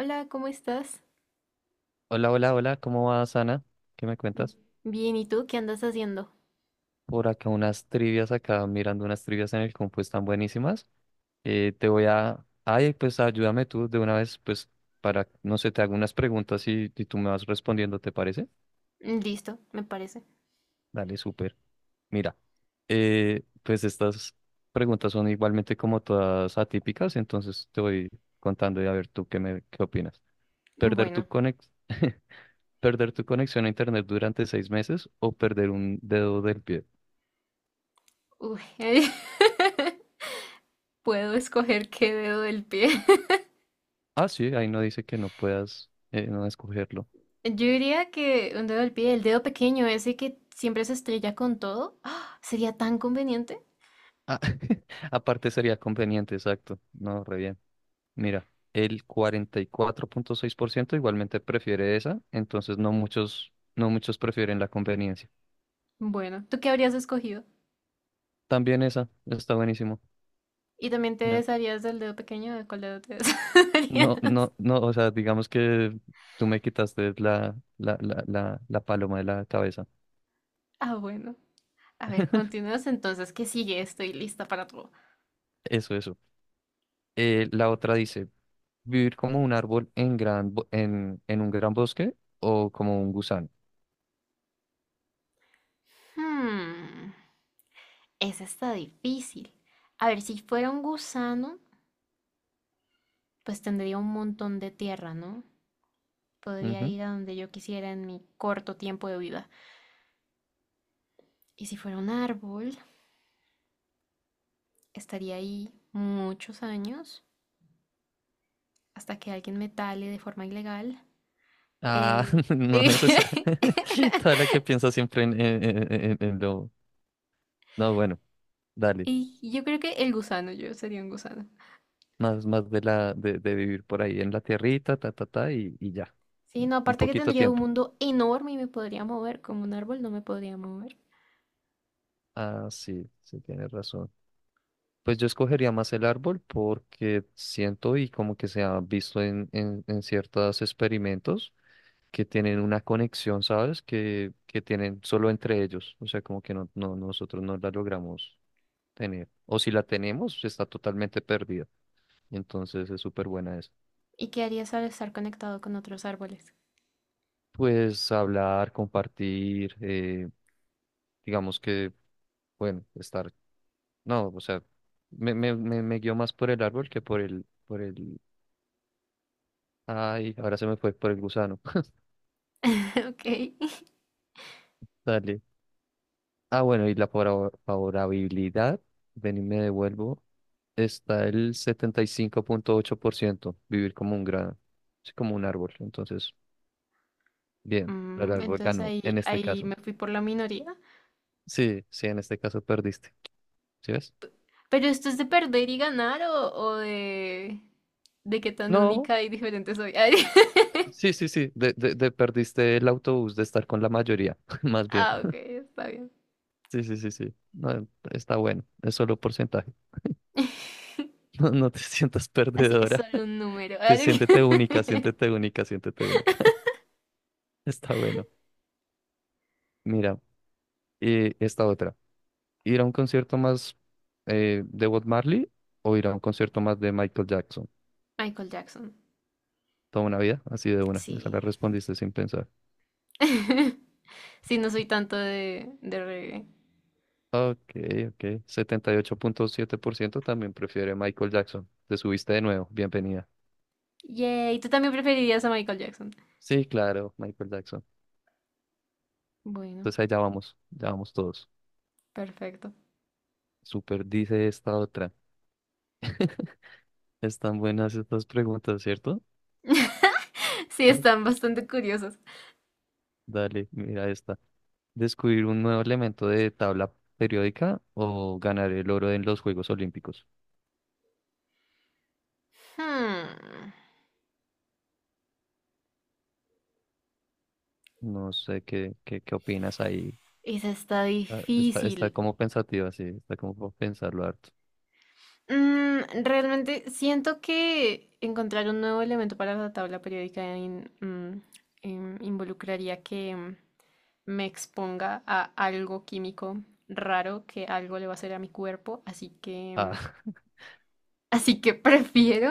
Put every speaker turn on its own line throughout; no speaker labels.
Hola, ¿cómo estás?
Hola, hola, hola, ¿cómo vas, Ana? ¿Qué me
Mm,
cuentas?
Bien, ¿y tú qué andas haciendo?
Por acá unas trivias, acá mirando unas trivias en el compu, están buenísimas. Ay, pues ayúdame tú de una vez, pues para, no sé, te hago unas preguntas y tú me vas respondiendo, ¿te parece?
Listo, me parece.
Dale, súper. Mira, pues estas preguntas son igualmente como todas atípicas, entonces te voy contando y a ver tú qué opinas. ¿Perder tu
Bueno,
conex... ¿Perder tu conexión a internet durante 6 meses o perder un dedo del pie?
uy, puedo escoger qué dedo del pie.
Ah, sí, ahí no dice que no puedas no escogerlo.
Yo diría que un dedo del pie, el dedo pequeño, ese que siempre se estrella con todo, ¡ah! Sería tan conveniente.
Ah, aparte sería conveniente, exacto. No, re bien. Mira, el 44.6% igualmente prefiere esa, entonces no muchos prefieren la conveniencia.
Bueno, ¿tú qué habrías escogido?
También esa, está buenísimo.
¿Y también te
Me-
desharías del dedo pequeño? ¿De cuál dedo te desharías?
No, no, no, o sea, digamos que tú me quitaste la paloma de la cabeza.
Ah, bueno. A ver, continúas entonces. ¿Qué sigue? Estoy lista para todo.
Eso, eso. La otra dice, vivir como un árbol en un gran bosque o como un gusano.
Hmm, esa está difícil. A ver, si fuera un gusano. Pues tendría un montón de tierra, ¿no? Podría
Ujú.
ir a donde yo quisiera en mi corto tiempo de vida. Y si fuera un árbol, estaría ahí muchos años hasta que alguien me tale de forma ilegal.
Ah,
Eh,
no
eh,
necesario. Toda la que piensa siempre en lo. No, bueno, dale.
y yo creo que el gusano, yo sería un gusano.
Más de la de vivir por ahí en la tierrita, ta, ta, ta, y ya.
Sí, no,
Un
aparte que
poquito de
tendría un
tiempo.
mundo enorme y me podría mover, como un árbol no me podría mover.
Ah, sí, sí, tienes razón. Pues yo escogería más el árbol porque siento y como que se ha visto en ciertos experimentos que tienen una conexión, ¿sabes? Que tienen solo entre ellos. O sea, como que no, nosotros no la logramos tener. O si la tenemos, pues, está totalmente perdida. Entonces es súper buena esa.
¿Y qué harías al estar conectado con otros árboles?
Pues hablar, compartir, digamos que, bueno, estar. No, o sea, me guío más por el árbol que por el. Ay, ahora se me fue por el gusano.
Ok.
Dale. Ah, bueno, y la favorabilidad, ven y me devuelvo, está el 75.8% vivir como un grano, así como un árbol. Entonces, bien, el árbol
Entonces
ganó
ahí,
en este
ahí
caso.
me fui por la minoría.
Sí, sí, en este caso perdiste. ¿Sí ves?
Pero esto es de perder y ganar o de, qué tan
No,
única y diferente soy.
sí, sí, sí, de perdiste el autobús de estar con la mayoría, más bien.
Ah, ok, está bien.
Sí, sí, sí, sí. No, está bueno, es solo porcentaje. No, no te sientas
Así es
perdedora.
solo un número.
Te siéntete única, siéntete única, siéntete única. Está bueno. Mira, y esta otra. ¿Ir a un concierto más de Bob Marley o ir a un concierto más de Michael Jackson?
Michael Jackson.
Toda una vida, así de una. Esa la
Sí.
respondiste sin pensar.
Sí, no soy tanto de reggae.
Ok, ok. 78.7% también prefiere Michael Jackson. Te subiste de nuevo. Bienvenida.
Yay, ¿tú también preferirías a Michael Jackson?
Sí, claro, Michael Jackson.
Bueno,
Entonces ahí ya vamos todos.
perfecto.
Super dice esta otra. Están buenas estas preguntas, ¿cierto?
Sí,
Da-
están bastante curiosos.
Dale, mira esta. ¿Descubrir un nuevo elemento de tabla periódica o ganar el oro en los Juegos Olímpicos?
Hmm,
No sé qué opinas ahí.
esa está
Ah, Está,
difícil.
está como pensativa, sí, está como por pensarlo harto.
Realmente siento que encontrar un nuevo elemento para la tabla periódica involucraría que me exponga a algo químico raro que algo le va a hacer a mi cuerpo, así que, mm,
Ah,
así que prefiero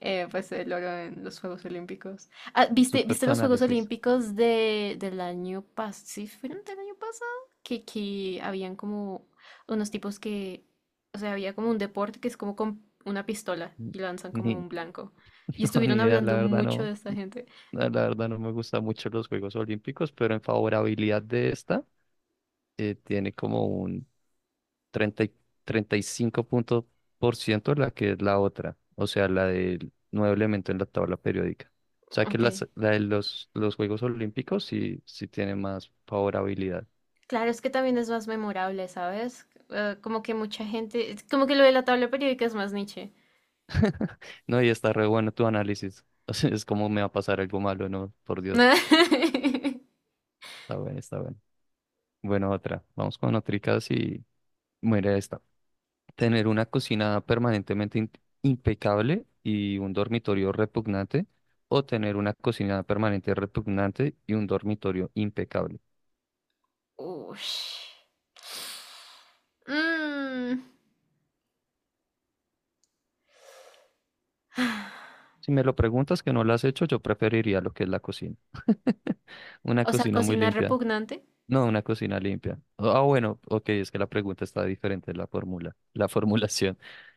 pues el oro en los Juegos Olímpicos. Ah, ¿viste,
super
viste
tu
los Juegos
análisis.
Olímpicos del año pasado? ¿Sí fueron del año pasado? Que habían como unos tipos que, o sea, había como un deporte que es como con una pistola y lanzan como
Ni,
un blanco. Y
no, ni
estuvieron
idea, la
hablando
verdad
mucho
no,
de esta gente.
la verdad no me gustan mucho los Juegos Olímpicos, pero en favorabilidad de esta tiene como un 30 y 35 puntos por ciento la que es la otra, o sea, la del nuevo elemento en la tabla periódica. O sea que
Ok.
la de los Juegos Olímpicos sí, sí tiene más favorabilidad.
Claro, es que también es más memorable, ¿sabes? Como que mucha gente, es como que lo de la tabla periódica es más niche.
No, y está re bueno tu análisis. O sea, es como me va a pasar algo malo, no, por Dios. Está bueno, está bueno. Bueno, otra. Vamos con otricas y muere esta. Tener una cocina permanentemente impecable y un dormitorio repugnante, o tener una cocina permanente repugnante y un dormitorio impecable.
Ush. Mm.
Si me lo preguntas que no lo has hecho, yo preferiría lo que es la cocina. Una
O sea,
cocina muy
cocina
limpia.
repugnante.
No, una cocina limpia. Ah, bueno, ok, es que la pregunta está diferente, la formulación.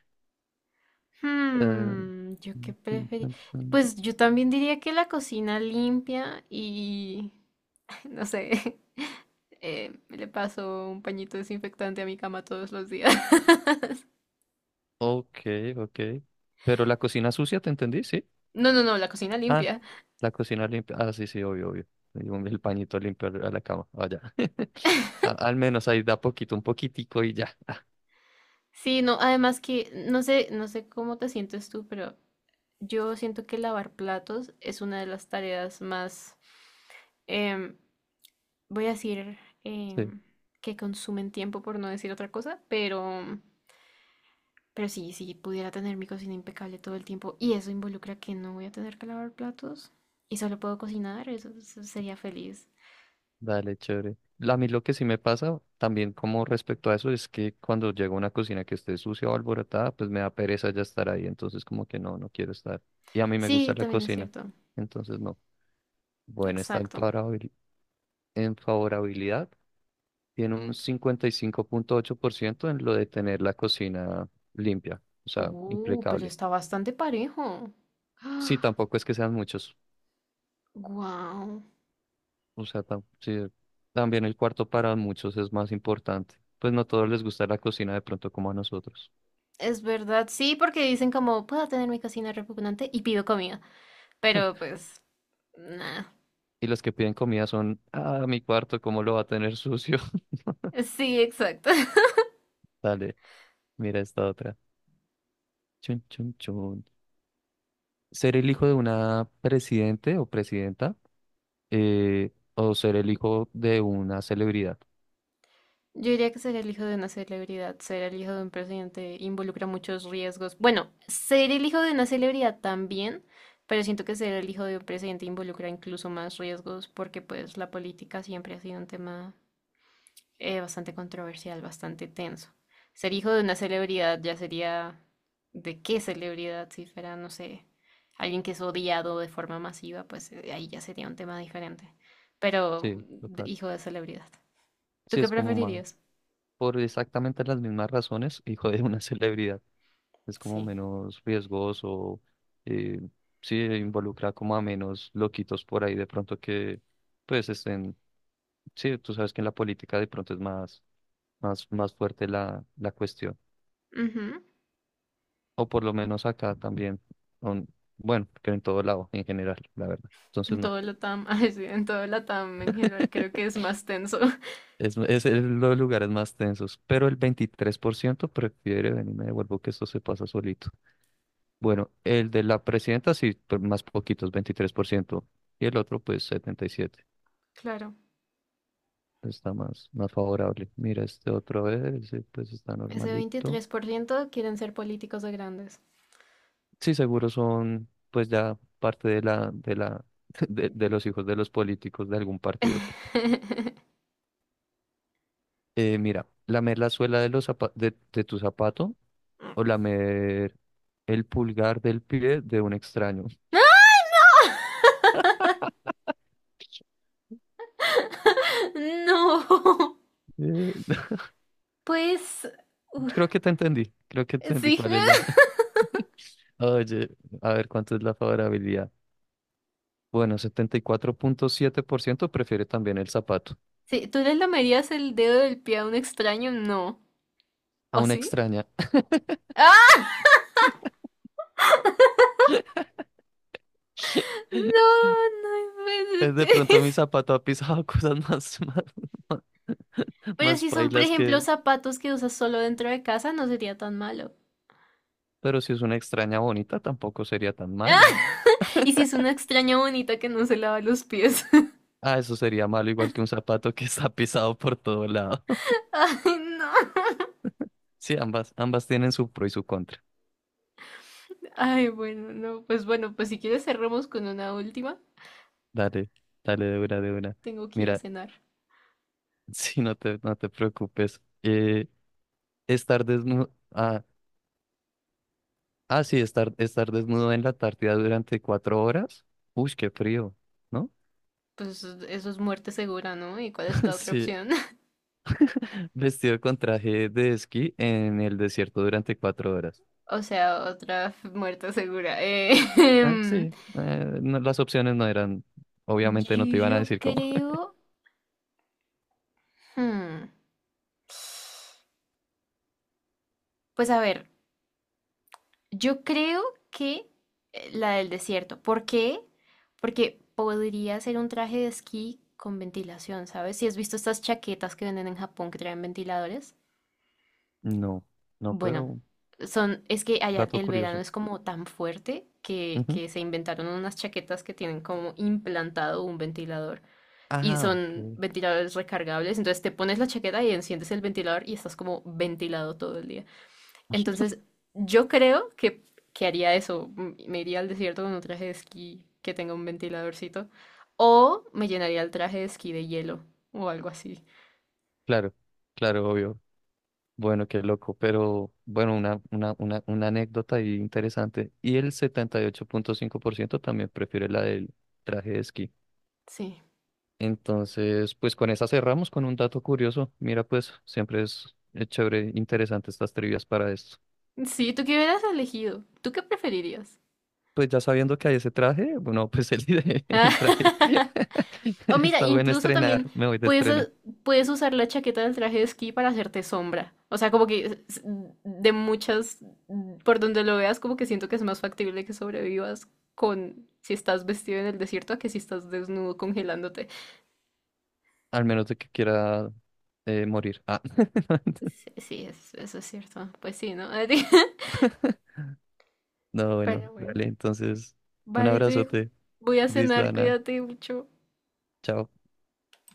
Eh,
Yo qué
mm, mm,
preferí.
mm, mm.
Pues yo también diría que la cocina limpia y no sé, le paso un pañito desinfectante a mi cama todos los días.
Ok, ok. Pero la cocina sucia, ¿te entendí? Sí.
No, no, no, la cocina
Ah,
limpia.
la cocina limpia. Ah, sí, sí, obvio, obvio. El pañito limpio a la cama. Vaya. Al menos ahí da poquito, un poquitico y ya.
Sí, no, además que no sé, no sé cómo te sientes tú, pero yo siento que lavar platos es una de las tareas más em, voy a decir
Sí,
em, que consumen tiempo por no decir otra cosa, pero sí, si pudiera tener mi cocina impecable todo el tiempo y eso involucra que no voy a tener que lavar platos y solo puedo cocinar, eso sería feliz.
dale, chévere. A mí lo que sí me pasa también como respecto a eso es que cuando llego a una cocina que esté sucia o alborotada, pues me da pereza ya estar ahí. Entonces como que no, no quiero estar. Y a mí me gusta
Sí,
la
también es
cocina.
cierto.
Entonces no. Bueno, está en
Exacto.
favorabili- en favorabilidad. Tiene un 55.8% en lo de tener la cocina limpia, o sea,
Pero
impecable.
está bastante parejo.
Sí, tampoco es que sean muchos,
Wow.
o sea, sí, también el cuarto para muchos es más importante. Pues no todos les gusta la cocina de pronto como a nosotros.
Es verdad, sí, porque dicen como puedo tener mi cocina repugnante y pido comida, pero pues, nada.
Y los que piden comida son, ah, mi cuarto, ¿cómo lo va a tener sucio?
Sí, exacto.
Dale, mira esta otra. Chun, chun, chun. Ser el hijo de una presidente o presidenta o ser el hijo de una celebridad.
Yo diría que ser el hijo de una celebridad, ser el hijo de un presidente involucra muchos riesgos. Bueno, ser el hijo de una celebridad también, pero siento que ser el hijo de un presidente involucra incluso más riesgos porque pues la política siempre ha sido un tema bastante controversial, bastante tenso. Ser hijo de una celebridad ya sería, ¿de qué celebridad? Si fuera, no sé, alguien que es odiado de forma masiva, pues ahí ya sería un tema diferente. Pero
Sí, total.
hijo de celebridad. ¿Tú
Sí,
qué
es como más,
preferirías?
por exactamente las mismas razones, hijo de una celebridad. Es como
Sí.
menos riesgoso, eh, sí, involucra como a menos loquitos por ahí de pronto que, pues, estén, sí, tú sabes que en la política de pronto es más fuerte la cuestión.
Ujú.
O por lo menos acá también, aun- bueno, que en todo lado, en general, la verdad. Entonces,
En
no,
todo Latam, ay, sí, en todo Latam en general creo que es más tenso.
los lugares más tensos, pero el 23% prefiere venirme de Vuelvo que esto se pasa solito. Bueno, el de la presidenta sí, pero más poquitos, 23%. Y el otro, pues 77.
Claro,
Está más favorable. Mira, este otro es, pues está
ese
normalito.
23% quieren ser políticos de grandes.
Sí, seguro son, pues ya parte de la, de los hijos de los políticos de algún partido. Mira, lamer la suela de los de tu zapato o lamer el pulgar del pie de un extraño.
No,
Eh,
pues uf,
creo que te entendí. Creo que entendí
sí.
cuál es la. Oye, a ver, ¿cuánto es la favorabilidad? Bueno, 74.7% prefiere también el zapato.
Sí, ¿tú le lamerías el dedo del pie a un extraño? No.
A
¿O
una
sí?
extraña.
¡Ah! No, no
Es de pronto mi
inventes.
zapato ha pisado cosas más, más
Pero
más
si son, por
pailas
ejemplo,
que...
zapatos que usas solo dentro de casa, no sería tan malo.
Pero si es una extraña bonita, tampoco sería tan malo.
Y si es una extraña bonita que no se lava los pies.
Ah, eso sería malo, igual que un zapato que está pisado por todo lado.
Ay, no.
Sí, ambas tienen su pro y su contra.
Ay, bueno, no, pues bueno, pues si quieres cerramos con una última.
Dale, dale de una, de una.
Tengo que ir a
Mira,
cenar.
sí, no te preocupes. Estar desnudo... ah, Ah, sí, estar desnudo en la Antártida durante 4 horas. Uy, qué frío, ¿no?
Pues eso es muerte segura, ¿no? ¿Y cuál es la otra
Sí,
opción?
vestido con traje de esquí en el desierto durante 4 horas.
O sea, otra muerte segura.
Ah, sí, las opciones no eran, obviamente no te iban
Yo
a decir cómo.
creo... hmm, Pues a ver, yo creo que la del desierto. ¿Por qué? Porque podría ser un traje de esquí con ventilación, ¿sabes? Si has visto estas chaquetas que venden en Japón que traen ventiladores.
No, no,
Bueno,
pero
es que allá
dato
el verano
curioso.
es como tan fuerte que,
Ujú.
que se inventaron unas chaquetas que tienen como implantado un ventilador y
Ah,
son
ok.
ventiladores recargables. Entonces te pones la chaqueta y enciendes el ventilador y estás como ventilado todo el día. Entonces yo creo que haría eso. Me iría al desierto con un traje de esquí que tenga un ventiladorcito o me llenaría el traje de esquí de hielo o algo así.
Claro, claro, obvio. Bueno, qué loco, pero bueno, una anécdota ahí interesante. Y el 78.5% también prefiere la del traje de esquí.
Sí.
Entonces, pues con esa cerramos con un dato curioso. Mira, pues siempre es chévere, interesante estas trivias para esto.
Sí, ¿tú qué hubieras elegido? ¿Tú qué preferirías?
Pues ya sabiendo que hay ese traje, bueno, pues el traje
O mira,
está bueno
incluso también
estrenar, me voy de
puedes,
estrene,
eh, puedes usar la chaqueta del traje de esquí para hacerte sombra. O sea, como que de muchas, por donde lo veas, como que siento que es más factible que sobrevivas con si estás vestido en el desierto a que si estás desnudo congelándote.
al menos de que quiera morir. Ah.
Sí, sí, eso es cierto. Pues sí, ¿no?
No, bueno,
Pero bueno.
dale, entonces, un
Vale, te dejo.
abrazote,
Voy a
Diz
cenar,
Dana,
cuídate mucho.
chao.